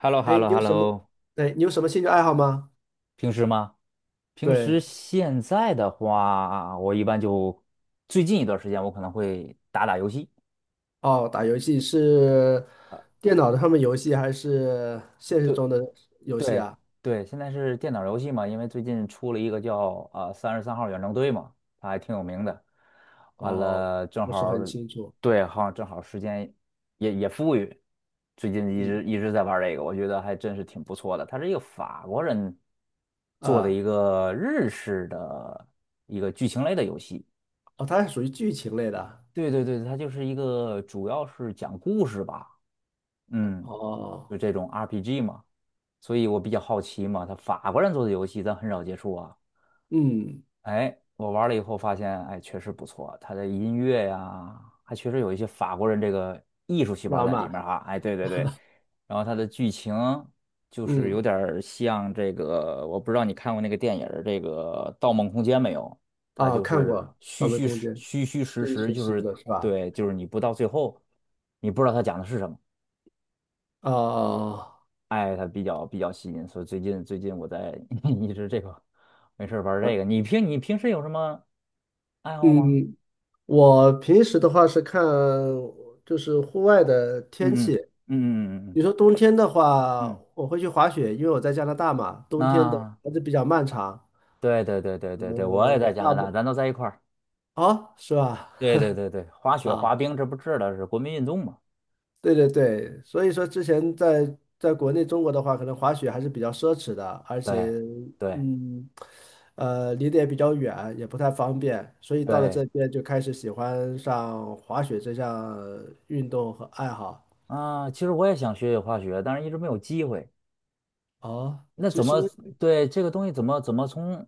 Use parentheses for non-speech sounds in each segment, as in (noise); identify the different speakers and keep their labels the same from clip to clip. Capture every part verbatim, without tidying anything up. Speaker 1: h e l l o h e l
Speaker 2: 哎，
Speaker 1: l o
Speaker 2: 你
Speaker 1: h e
Speaker 2: 有
Speaker 1: l l
Speaker 2: 什
Speaker 1: o
Speaker 2: 么？哎，你有什么兴趣爱好吗？
Speaker 1: 平时吗？平
Speaker 2: 对，
Speaker 1: 时现在的话，我一般就最近一段时间我可能会打打游戏。
Speaker 2: 哦，打游戏是电脑上面游戏还是现实
Speaker 1: 对，
Speaker 2: 中的游戏
Speaker 1: 对
Speaker 2: 啊？
Speaker 1: 对，现在是电脑游戏嘛，因为最近出了一个叫呃《三十三号远征队》嘛，它还挺有名的。完
Speaker 2: 哦，
Speaker 1: 了，正
Speaker 2: 不
Speaker 1: 好
Speaker 2: 是很
Speaker 1: 儿
Speaker 2: 清楚。
Speaker 1: 对，好像正好时间也也富裕，最近一
Speaker 2: 嗯，
Speaker 1: 直一直在玩儿这个，我觉得还真是挺不错的。它是一个法国人做的
Speaker 2: 啊，
Speaker 1: 一个日式的一个剧情类的游戏。
Speaker 2: 哦，它是属于剧情类的啊。
Speaker 1: 对对对，它就是一个主要是讲故事吧。嗯，
Speaker 2: 哦，
Speaker 1: 就这种 R P G 嘛，所以我比较好奇嘛，他法国人做的游戏咱很少接触啊。
Speaker 2: 嗯，
Speaker 1: 哎，我玩了以后发现，哎，确实不错，他的音乐呀，还确实有一些法国人这个艺术细胞
Speaker 2: 浪
Speaker 1: 在里面
Speaker 2: 漫，
Speaker 1: 哈。哎，对对对，然后它的剧情就是
Speaker 2: 嗯，
Speaker 1: 有点儿像这个，我不知道你看过那个电影儿这个《盗梦空间》没有？它
Speaker 2: 啊，
Speaker 1: 就
Speaker 2: 看
Speaker 1: 是
Speaker 2: 过《盗
Speaker 1: 虚
Speaker 2: 梦
Speaker 1: 虚
Speaker 2: 空
Speaker 1: 实
Speaker 2: 间》，
Speaker 1: 虚虚实
Speaker 2: 这
Speaker 1: 实，
Speaker 2: 是
Speaker 1: 就
Speaker 2: 实
Speaker 1: 是
Speaker 2: 的是吧？
Speaker 1: 对，就是你不到最后，你不知道他讲的是什么。
Speaker 2: 哦，
Speaker 1: 哎，它比较比较吸引，所以最近最近我在 (laughs) 一直这个没事儿玩儿这个。你平你平时有什么爱好吗？
Speaker 2: 嗯，我平时的话是看就是户外的天
Speaker 1: 嗯嗯
Speaker 2: 气，
Speaker 1: 嗯嗯嗯
Speaker 2: 你说冬天的话，
Speaker 1: 嗯，
Speaker 2: 我会去滑雪，因为我在加拿大嘛，冬天的
Speaker 1: 那
Speaker 2: 还是比较漫长。
Speaker 1: 对对对对对对，我也
Speaker 2: 嗯，
Speaker 1: 在加
Speaker 2: 大
Speaker 1: 拿大，
Speaker 2: 不
Speaker 1: 咱都在一块儿。
Speaker 2: 啊，是吧？
Speaker 1: 对对对对，滑雪
Speaker 2: 啊，
Speaker 1: 滑冰这不治的是国民运动嘛？
Speaker 2: 对对对，所以说之前在在国内中国的话，可能滑雪还是比较奢侈的，而且
Speaker 1: 对对
Speaker 2: 嗯，呃，离得也比较远，也不太方便，所以到了
Speaker 1: 对
Speaker 2: 这边就开始喜欢上滑雪这项运动和爱好。
Speaker 1: 啊，其实我也想学学滑雪，但是一直没有机会。
Speaker 2: 哦，
Speaker 1: 那
Speaker 2: 其
Speaker 1: 怎
Speaker 2: 实，
Speaker 1: 么，对，这个东西怎么怎么从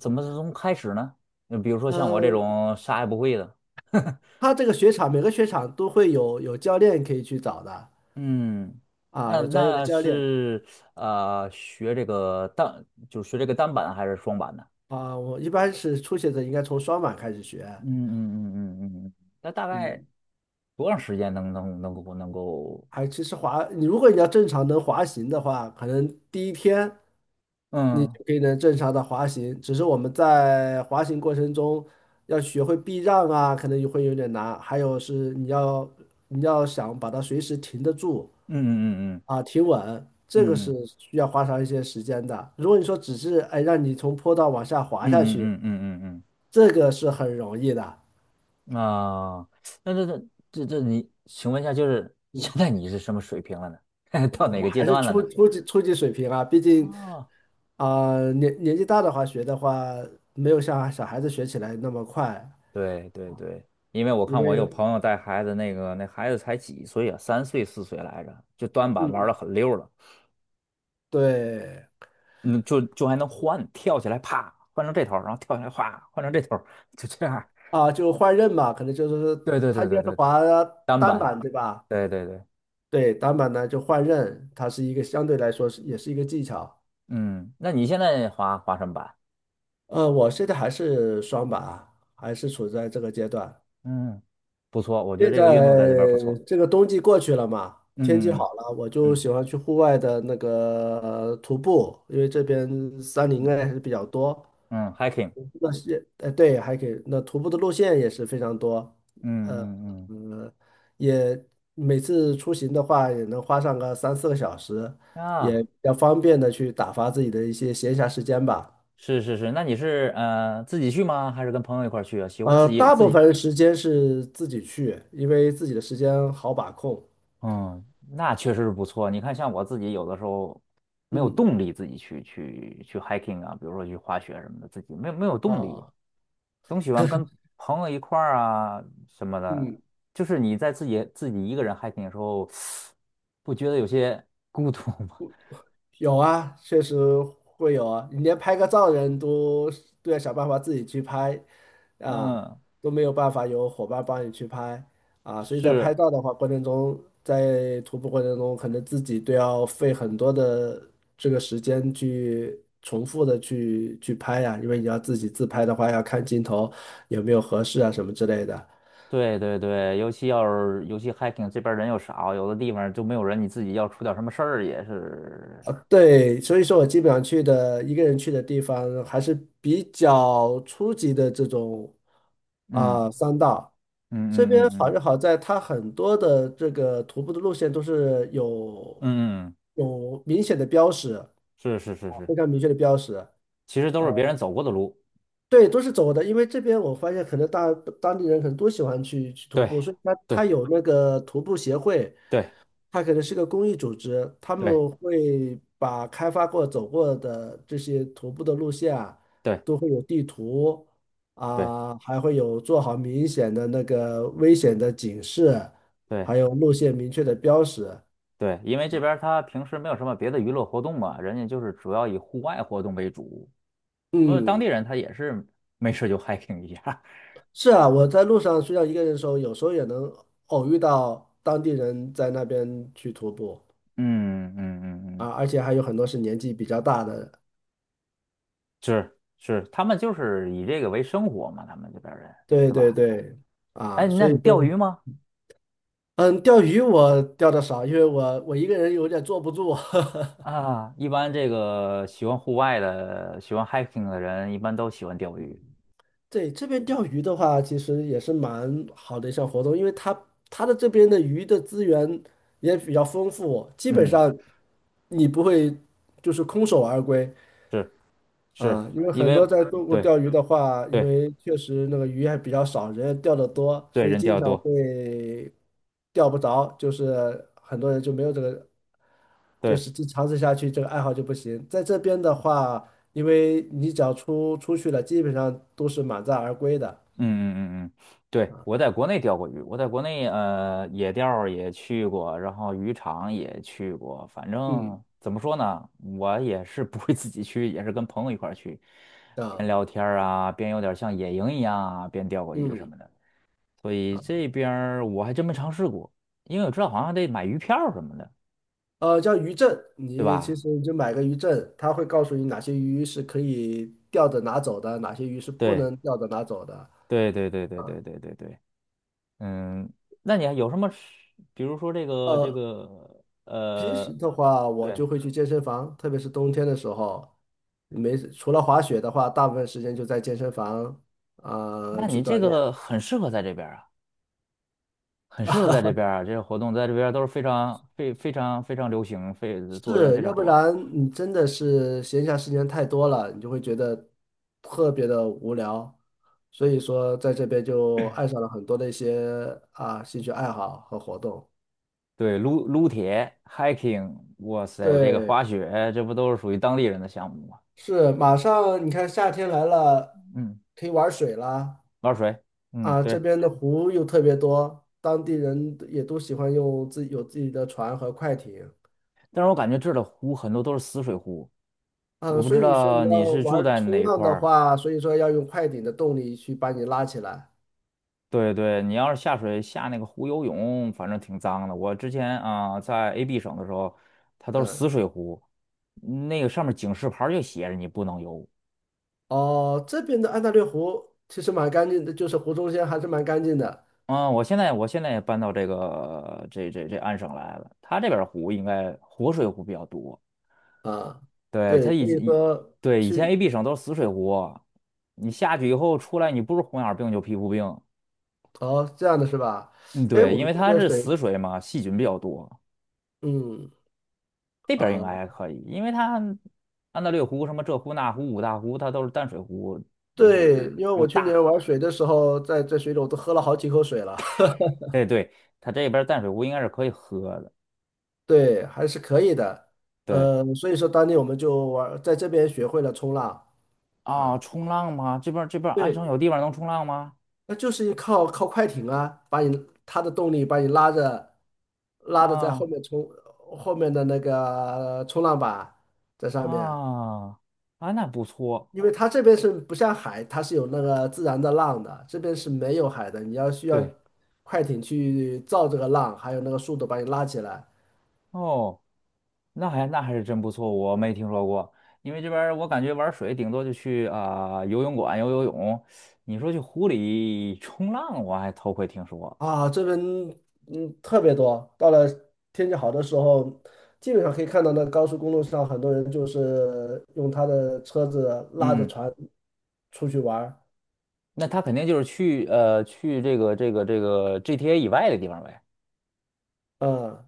Speaker 1: 怎么从开始呢？就比如说像我这
Speaker 2: 嗯，
Speaker 1: 种啥也不会的，(laughs)
Speaker 2: 他这个雪场每个雪场都会有有教练可以去找的
Speaker 1: 嗯，
Speaker 2: 啊，
Speaker 1: 那
Speaker 2: 有专业的
Speaker 1: 那
Speaker 2: 教练
Speaker 1: 是呃学这个单，就是学这个单板还是双板呢？
Speaker 2: 啊。我一般是初学者应该从双板开始学，
Speaker 1: 嗯嗯嗯嗯嗯，那大概
Speaker 2: 嗯，
Speaker 1: 多长时间能能能够能够？
Speaker 2: 还其实滑，你如果你要正常能滑行的话，可能第一天你
Speaker 1: 嗯
Speaker 2: 就可以能正常的滑行，只是我们在滑行过程中要学会避让啊，可能也会有点难，还有是你要你要想把它随时停得住。
Speaker 1: 嗯嗯嗯
Speaker 2: 啊，提稳，这个是
Speaker 1: 嗯
Speaker 2: 需要花上一些时间的。如果你说只是哎让你从坡道往下滑下
Speaker 1: 嗯嗯
Speaker 2: 去，
Speaker 1: 嗯嗯嗯嗯
Speaker 2: 这个是很容易的。
Speaker 1: 嗯啊，那这这这这你，请问一下，就是现在你是什么水平了呢？(laughs) 到哪
Speaker 2: 我
Speaker 1: 个阶
Speaker 2: 还是
Speaker 1: 段了
Speaker 2: 初
Speaker 1: 呢？
Speaker 2: 初级初级水平啊，毕竟
Speaker 1: 哦
Speaker 2: 啊、呃年年纪大的话学的话，没有像小孩子学起来那么快，
Speaker 1: 对对对，因为我
Speaker 2: 因
Speaker 1: 看我有
Speaker 2: 为
Speaker 1: 朋友带孩子，那个那孩子才几岁啊，三岁四岁来着，就端板玩的
Speaker 2: 嗯
Speaker 1: 很溜了。
Speaker 2: 对
Speaker 1: 嗯，就就还能换，跳起来啪换成这头儿，然后跳起来哗换成这头儿，就这样儿。
Speaker 2: 啊就换刃嘛，可能就是
Speaker 1: 对对
Speaker 2: 他
Speaker 1: 对
Speaker 2: 应
Speaker 1: 对
Speaker 2: 该是
Speaker 1: 对对，
Speaker 2: 滑
Speaker 1: 单
Speaker 2: 单
Speaker 1: 板，
Speaker 2: 板对吧？
Speaker 1: 对对对。
Speaker 2: 对，单板呢就换刃，它是一个相对来说是也是一个技巧。
Speaker 1: 嗯，那你现在滑滑什么板？
Speaker 2: 呃，我现在还是双板啊，还是处在这个阶段。
Speaker 1: 嗯，不错，我觉得
Speaker 2: 现
Speaker 1: 这个运动在
Speaker 2: 在
Speaker 1: 这边儿不错。
Speaker 2: 这个冬季过去了嘛，天气好
Speaker 1: 嗯嗯
Speaker 2: 了，我就
Speaker 1: 嗯
Speaker 2: 喜欢去户外的那个呃徒步，因为这边山林啊
Speaker 1: 嗯
Speaker 2: 还是比较多。
Speaker 1: 嗯嗯，hiking，
Speaker 2: 那些，呃，对，还可以，那徒步的路线也是非常多。呃，
Speaker 1: 嗯嗯
Speaker 2: 呃，也每次出行的话，也能花上个三四个小时，
Speaker 1: 嗯
Speaker 2: 也
Speaker 1: 啊，
Speaker 2: 比较方便的去打发自己的一些闲暇时间吧。
Speaker 1: 是是是，那你是呃自己去吗？还是跟朋友一块儿去啊？喜欢自
Speaker 2: 呃，
Speaker 1: 己
Speaker 2: 大
Speaker 1: 自
Speaker 2: 部
Speaker 1: 己？
Speaker 2: 分时间是自己去，因为自己的时间好把控。
Speaker 1: 嗯，那确实是不错。你看，像我自己有的时候没有
Speaker 2: 嗯
Speaker 1: 动力自己去去去 hiking 啊，比如说去滑雪什么的，自己没有没有动力，
Speaker 2: 啊，
Speaker 1: 总喜欢跟朋友一块儿啊什么的。
Speaker 2: 嗯，
Speaker 1: 就是你在自己自己一个人 hiking 的时候，不觉得有些孤独吗？
Speaker 2: 有啊，确实会有啊，你连拍个照人都都要想办法自己去拍
Speaker 1: (laughs)
Speaker 2: 啊，
Speaker 1: 嗯，
Speaker 2: 都没有办法有伙伴帮你去拍啊，所以在拍
Speaker 1: 是，
Speaker 2: 照的话过程中，在徒步过程中，可能自己都要费很多的这个时间去重复的去去拍呀、因为你要自己自拍的话，要看镜头有没有合适啊什么之类的。
Speaker 1: 对对对，尤其要是尤其 hiking 这边儿人又少，有的地方就没有人，你自己要出点什么事儿也是。
Speaker 2: 对，所以说我基本上去的一个人去的地方还是比较初级的这种啊、山道。这边
Speaker 1: 嗯嗯嗯
Speaker 2: 好
Speaker 1: 嗯
Speaker 2: 就好在它很多的这个徒步的路线都是
Speaker 1: 嗯
Speaker 2: 有
Speaker 1: 嗯，嗯嗯，
Speaker 2: 有明显的标识啊，
Speaker 1: 是是是是。
Speaker 2: 非常明确的标识。啊。
Speaker 1: 其实都是别人走过的路。
Speaker 2: 对，都是走的，因为这边我发现可能大当地人可能都喜欢去去徒
Speaker 1: 对，
Speaker 2: 步，所以它
Speaker 1: 对，
Speaker 2: 它有那个徒步协会，
Speaker 1: 对，
Speaker 2: 它可能是个公益组织，他
Speaker 1: 对，
Speaker 2: 们会把开发过、走过的这些徒步的路线啊，
Speaker 1: 对，
Speaker 2: 都会有地图
Speaker 1: 对，
Speaker 2: 啊，还会有做好明显的那个危险的警示，
Speaker 1: 对，
Speaker 2: 还有路线明确的标识。
Speaker 1: 对，因为这边儿他平时没有什么别的娱乐活动嘛，人家就是主要以户外活动为主。他们当地
Speaker 2: 嗯，
Speaker 1: 人他也是没事就 (laughs) hiking 一下。
Speaker 2: 是啊，我在路上需要一个人的时候，有时候也能偶遇到当地人在那边去徒步
Speaker 1: (laughs) 嗯嗯嗯
Speaker 2: 啊，
Speaker 1: 嗯，
Speaker 2: 而且还有很多是年纪比较大的。
Speaker 1: 是是，他们就是以这个为生活嘛，他们这边儿人，
Speaker 2: 对
Speaker 1: 对
Speaker 2: 对
Speaker 1: 吧？
Speaker 2: 对，
Speaker 1: 哎，
Speaker 2: 啊，
Speaker 1: 那
Speaker 2: 所以
Speaker 1: 你钓
Speaker 2: 说。
Speaker 1: 鱼吗？
Speaker 2: 嗯，钓鱼我钓的少，因为我我一个人有点坐不住。(laughs)
Speaker 1: 啊，一般这个喜欢户外的、喜欢 hiking 的人，一般都喜欢钓鱼。
Speaker 2: 对，这边钓鱼的话，其实也是蛮好的一项活动，因为它它的这边的鱼的资源也比较丰富，基本
Speaker 1: 嗯，
Speaker 2: 上你不会就是空手而归，
Speaker 1: 是是，
Speaker 2: 啊，因为
Speaker 1: 因
Speaker 2: 很
Speaker 1: 为
Speaker 2: 多在中国
Speaker 1: 对。
Speaker 2: 钓鱼的话，因
Speaker 1: 对
Speaker 2: 为确实那个鱼还比较少，人也钓得多，
Speaker 1: 对，
Speaker 2: 所以
Speaker 1: 人
Speaker 2: 经
Speaker 1: 钓得
Speaker 2: 常
Speaker 1: 多，
Speaker 2: 会钓不着，就是很多人就没有这个，就
Speaker 1: 对，
Speaker 2: 是这尝试下去这个爱好就不行。在这边的话，因为你只要出出去了，基本上都是满载而归的。
Speaker 1: 嗯嗯嗯嗯。对，我在国内钓过鱼，我在国内呃野钓儿也去过，然后渔场也去过，反
Speaker 2: 嗯
Speaker 1: 正怎么说呢，我也是不会自己去，也是跟朋友一块儿去，边
Speaker 2: 啊，
Speaker 1: 聊天儿啊，边有点像野营一样啊，边钓过鱼什
Speaker 2: 嗯
Speaker 1: 么的，所以
Speaker 2: 啊，
Speaker 1: 这边儿我还真没尝试过，因为我知道好像还得买鱼票什么的，
Speaker 2: 呃，叫渔证，
Speaker 1: 对
Speaker 2: 你其
Speaker 1: 吧？
Speaker 2: 实你就买个渔证，它会告诉你哪些鱼是可以钓着拿走的，哪些鱼是不
Speaker 1: 对
Speaker 2: 能钓着拿走的。
Speaker 1: 对对对对对对对对。嗯，那你还有什么吃比如说这个这
Speaker 2: 呃。
Speaker 1: 个
Speaker 2: 平时
Speaker 1: 呃，
Speaker 2: 的话，我
Speaker 1: 对，
Speaker 2: 就会去健身房，特别是冬天的时候，没事，除了滑雪的话，大部分时间就在健身房啊、
Speaker 1: 那
Speaker 2: 去
Speaker 1: 你这
Speaker 2: 锻
Speaker 1: 个
Speaker 2: 炼。
Speaker 1: 很适合在这边儿啊，很适合在这边儿啊，这些活动在这边儿都是非常非非常非常流行，非做人
Speaker 2: 是，
Speaker 1: 非
Speaker 2: 要
Speaker 1: 常
Speaker 2: 不
Speaker 1: 多。
Speaker 2: 然你真的是闲暇时间太多了，你就会觉得特别的无聊。所以说，在这边就爱上了很多的一些啊兴趣爱好和活动。
Speaker 1: 对，撸撸铁、hiking，哇塞，这个
Speaker 2: 对，
Speaker 1: 滑雪，这不都是属于当地人的项目吗？
Speaker 2: 是，马上你看夏天来了，
Speaker 1: 嗯，
Speaker 2: 可以玩水啦。
Speaker 1: 玩水，嗯，
Speaker 2: 啊，这
Speaker 1: 对。
Speaker 2: 边的湖又特别多，当地人也都喜欢用自己有自己的船和快艇。
Speaker 1: 但是我感觉这儿的湖很多都是死水湖，
Speaker 2: 啊，
Speaker 1: 我不
Speaker 2: 所
Speaker 1: 知
Speaker 2: 以说你
Speaker 1: 道
Speaker 2: 要
Speaker 1: 你是住
Speaker 2: 玩
Speaker 1: 在哪
Speaker 2: 冲
Speaker 1: 一
Speaker 2: 浪
Speaker 1: 块
Speaker 2: 的
Speaker 1: 儿。
Speaker 2: 话，所以说要用快艇的动力去把你拉起来。
Speaker 1: 对对，你要是下水下那个湖游泳，反正挺脏的。我之前啊、在 A B 省的时候，它都是死水湖，那个上面警示牌儿就写着你不能游。
Speaker 2: 哦，这边的安大略湖其实蛮干净的，就是湖中间还是蛮干净的
Speaker 1: 嗯，我现在我现在也搬到这个这这这安省来了，它这边儿湖应该活水湖比较多。
Speaker 2: 啊。
Speaker 1: 对，
Speaker 2: 对，
Speaker 1: 它以
Speaker 2: 所以
Speaker 1: 以
Speaker 2: 说
Speaker 1: 对，以前
Speaker 2: 去。
Speaker 1: A B 省都是死水湖，你下去以后出来，你不是红眼儿病就皮肤病。
Speaker 2: 哦，这样的是吧？
Speaker 1: 嗯，
Speaker 2: 哎，
Speaker 1: 对，
Speaker 2: 我
Speaker 1: 因
Speaker 2: 们
Speaker 1: 为
Speaker 2: 这
Speaker 1: 它
Speaker 2: 边
Speaker 1: 是
Speaker 2: 水，
Speaker 1: 死水嘛，细菌比较多。
Speaker 2: 嗯
Speaker 1: 这边儿应该
Speaker 2: 啊，
Speaker 1: 还可以，因为它安大略湖、什么这湖那湖、五大湖，它都是淡水湖，就
Speaker 2: 对，
Speaker 1: 是
Speaker 2: 因为
Speaker 1: 又
Speaker 2: 我去年
Speaker 1: 大。
Speaker 2: 玩水的时候，在在水里我都喝了好几口水了。
Speaker 1: 哎，对，它这边儿淡水湖应该是可以喝的。
Speaker 2: 对，还是可以的。
Speaker 1: 对
Speaker 2: 呃，所以说当年我们就玩，在这边学会了冲浪
Speaker 1: 啊，
Speaker 2: 啊。
Speaker 1: 冲浪吗？这边儿这边儿安省有
Speaker 2: 对，
Speaker 1: 地方能冲浪吗？
Speaker 2: 那就是靠靠快艇啊，把你它的动力把你拉着，拉着在后
Speaker 1: 啊
Speaker 2: 面冲，后面的那个冲浪板在上面，
Speaker 1: 啊啊，那不错。
Speaker 2: 因为它这边是不像海，它是有那个自然的浪的，这边是没有海的，你要需要
Speaker 1: 对
Speaker 2: 快艇去造这个浪，还有那个速度把你拉起来。
Speaker 1: 哦，那还那还是真不错，我没听说过。因为这边儿我感觉玩水顶多就去啊、游泳馆游游泳，你说去湖里冲浪，我还头回听说。
Speaker 2: 啊，这边嗯特别多，到了天气好的时候，基本上可以看到那高速公路上很多人就是用他的车子拉着
Speaker 1: 嗯。
Speaker 2: 船出去玩儿
Speaker 1: 那他肯定就是去呃去这个这个这个 G T A 以外的地方呗，
Speaker 2: 啊。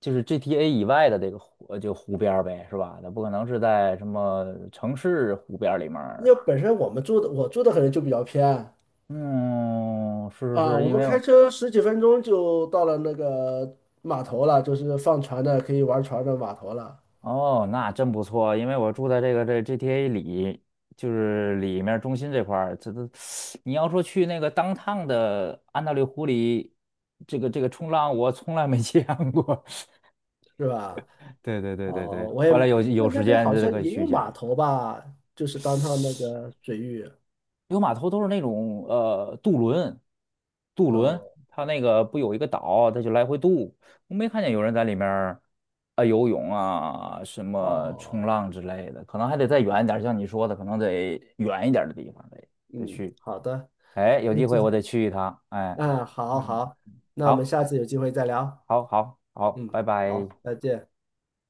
Speaker 1: 就是 G T A 以外的这个湖呃就湖边儿呗，是吧？那不可能是在什么城市湖边儿里面
Speaker 2: 因
Speaker 1: 儿。
Speaker 2: 为本身我们住的我住的可能就比较偏
Speaker 1: 嗯，是是
Speaker 2: 啊，
Speaker 1: 是，
Speaker 2: 我
Speaker 1: 因
Speaker 2: 们
Speaker 1: 为
Speaker 2: 开车十几分钟就到了那个码头了，就是放船的可以玩船的码头了，
Speaker 1: 哦，那真不错，因为我住在这个这 G T A 里，就是里面中心这块儿，这都 (sucks teeth) 你要说去那个 downtown 的安大略湖里，这个这个冲浪我从来没 (laughs) 见过。(laughs)
Speaker 2: 是吧？
Speaker 1: 对对对对
Speaker 2: 哦，
Speaker 1: 对，
Speaker 2: 我也
Speaker 1: 后来有
Speaker 2: 那
Speaker 1: 有
Speaker 2: 那
Speaker 1: 时
Speaker 2: 边
Speaker 1: 间
Speaker 2: 好
Speaker 1: 这
Speaker 2: 像
Speaker 1: 可以
Speaker 2: 也
Speaker 1: 去
Speaker 2: 有
Speaker 1: 一
Speaker 2: 码
Speaker 1: 下。
Speaker 2: 头吧，就是当趟那个水域，
Speaker 1: 有码头都是那种呃渡轮，渡轮，
Speaker 2: 嗯。
Speaker 1: 它那个不有一个岛，它就来回渡。我没看见有人在里面儿啊、游泳啊，什么冲
Speaker 2: 哦。
Speaker 1: 浪之类的，可能还得再
Speaker 2: 嗯
Speaker 1: 远一点儿像你说的，可能得远一点儿的地方得得
Speaker 2: 嗯，
Speaker 1: 去。
Speaker 2: 好的，
Speaker 1: 哎，有
Speaker 2: 那
Speaker 1: 机
Speaker 2: 这，
Speaker 1: 会我得去一趟。哎，
Speaker 2: 嗯，好
Speaker 1: 嗯，
Speaker 2: 好，那我们
Speaker 1: 好，
Speaker 2: 下次有机会再聊。
Speaker 1: 好，好，好，
Speaker 2: 嗯，
Speaker 1: 拜拜。
Speaker 2: 好，再见。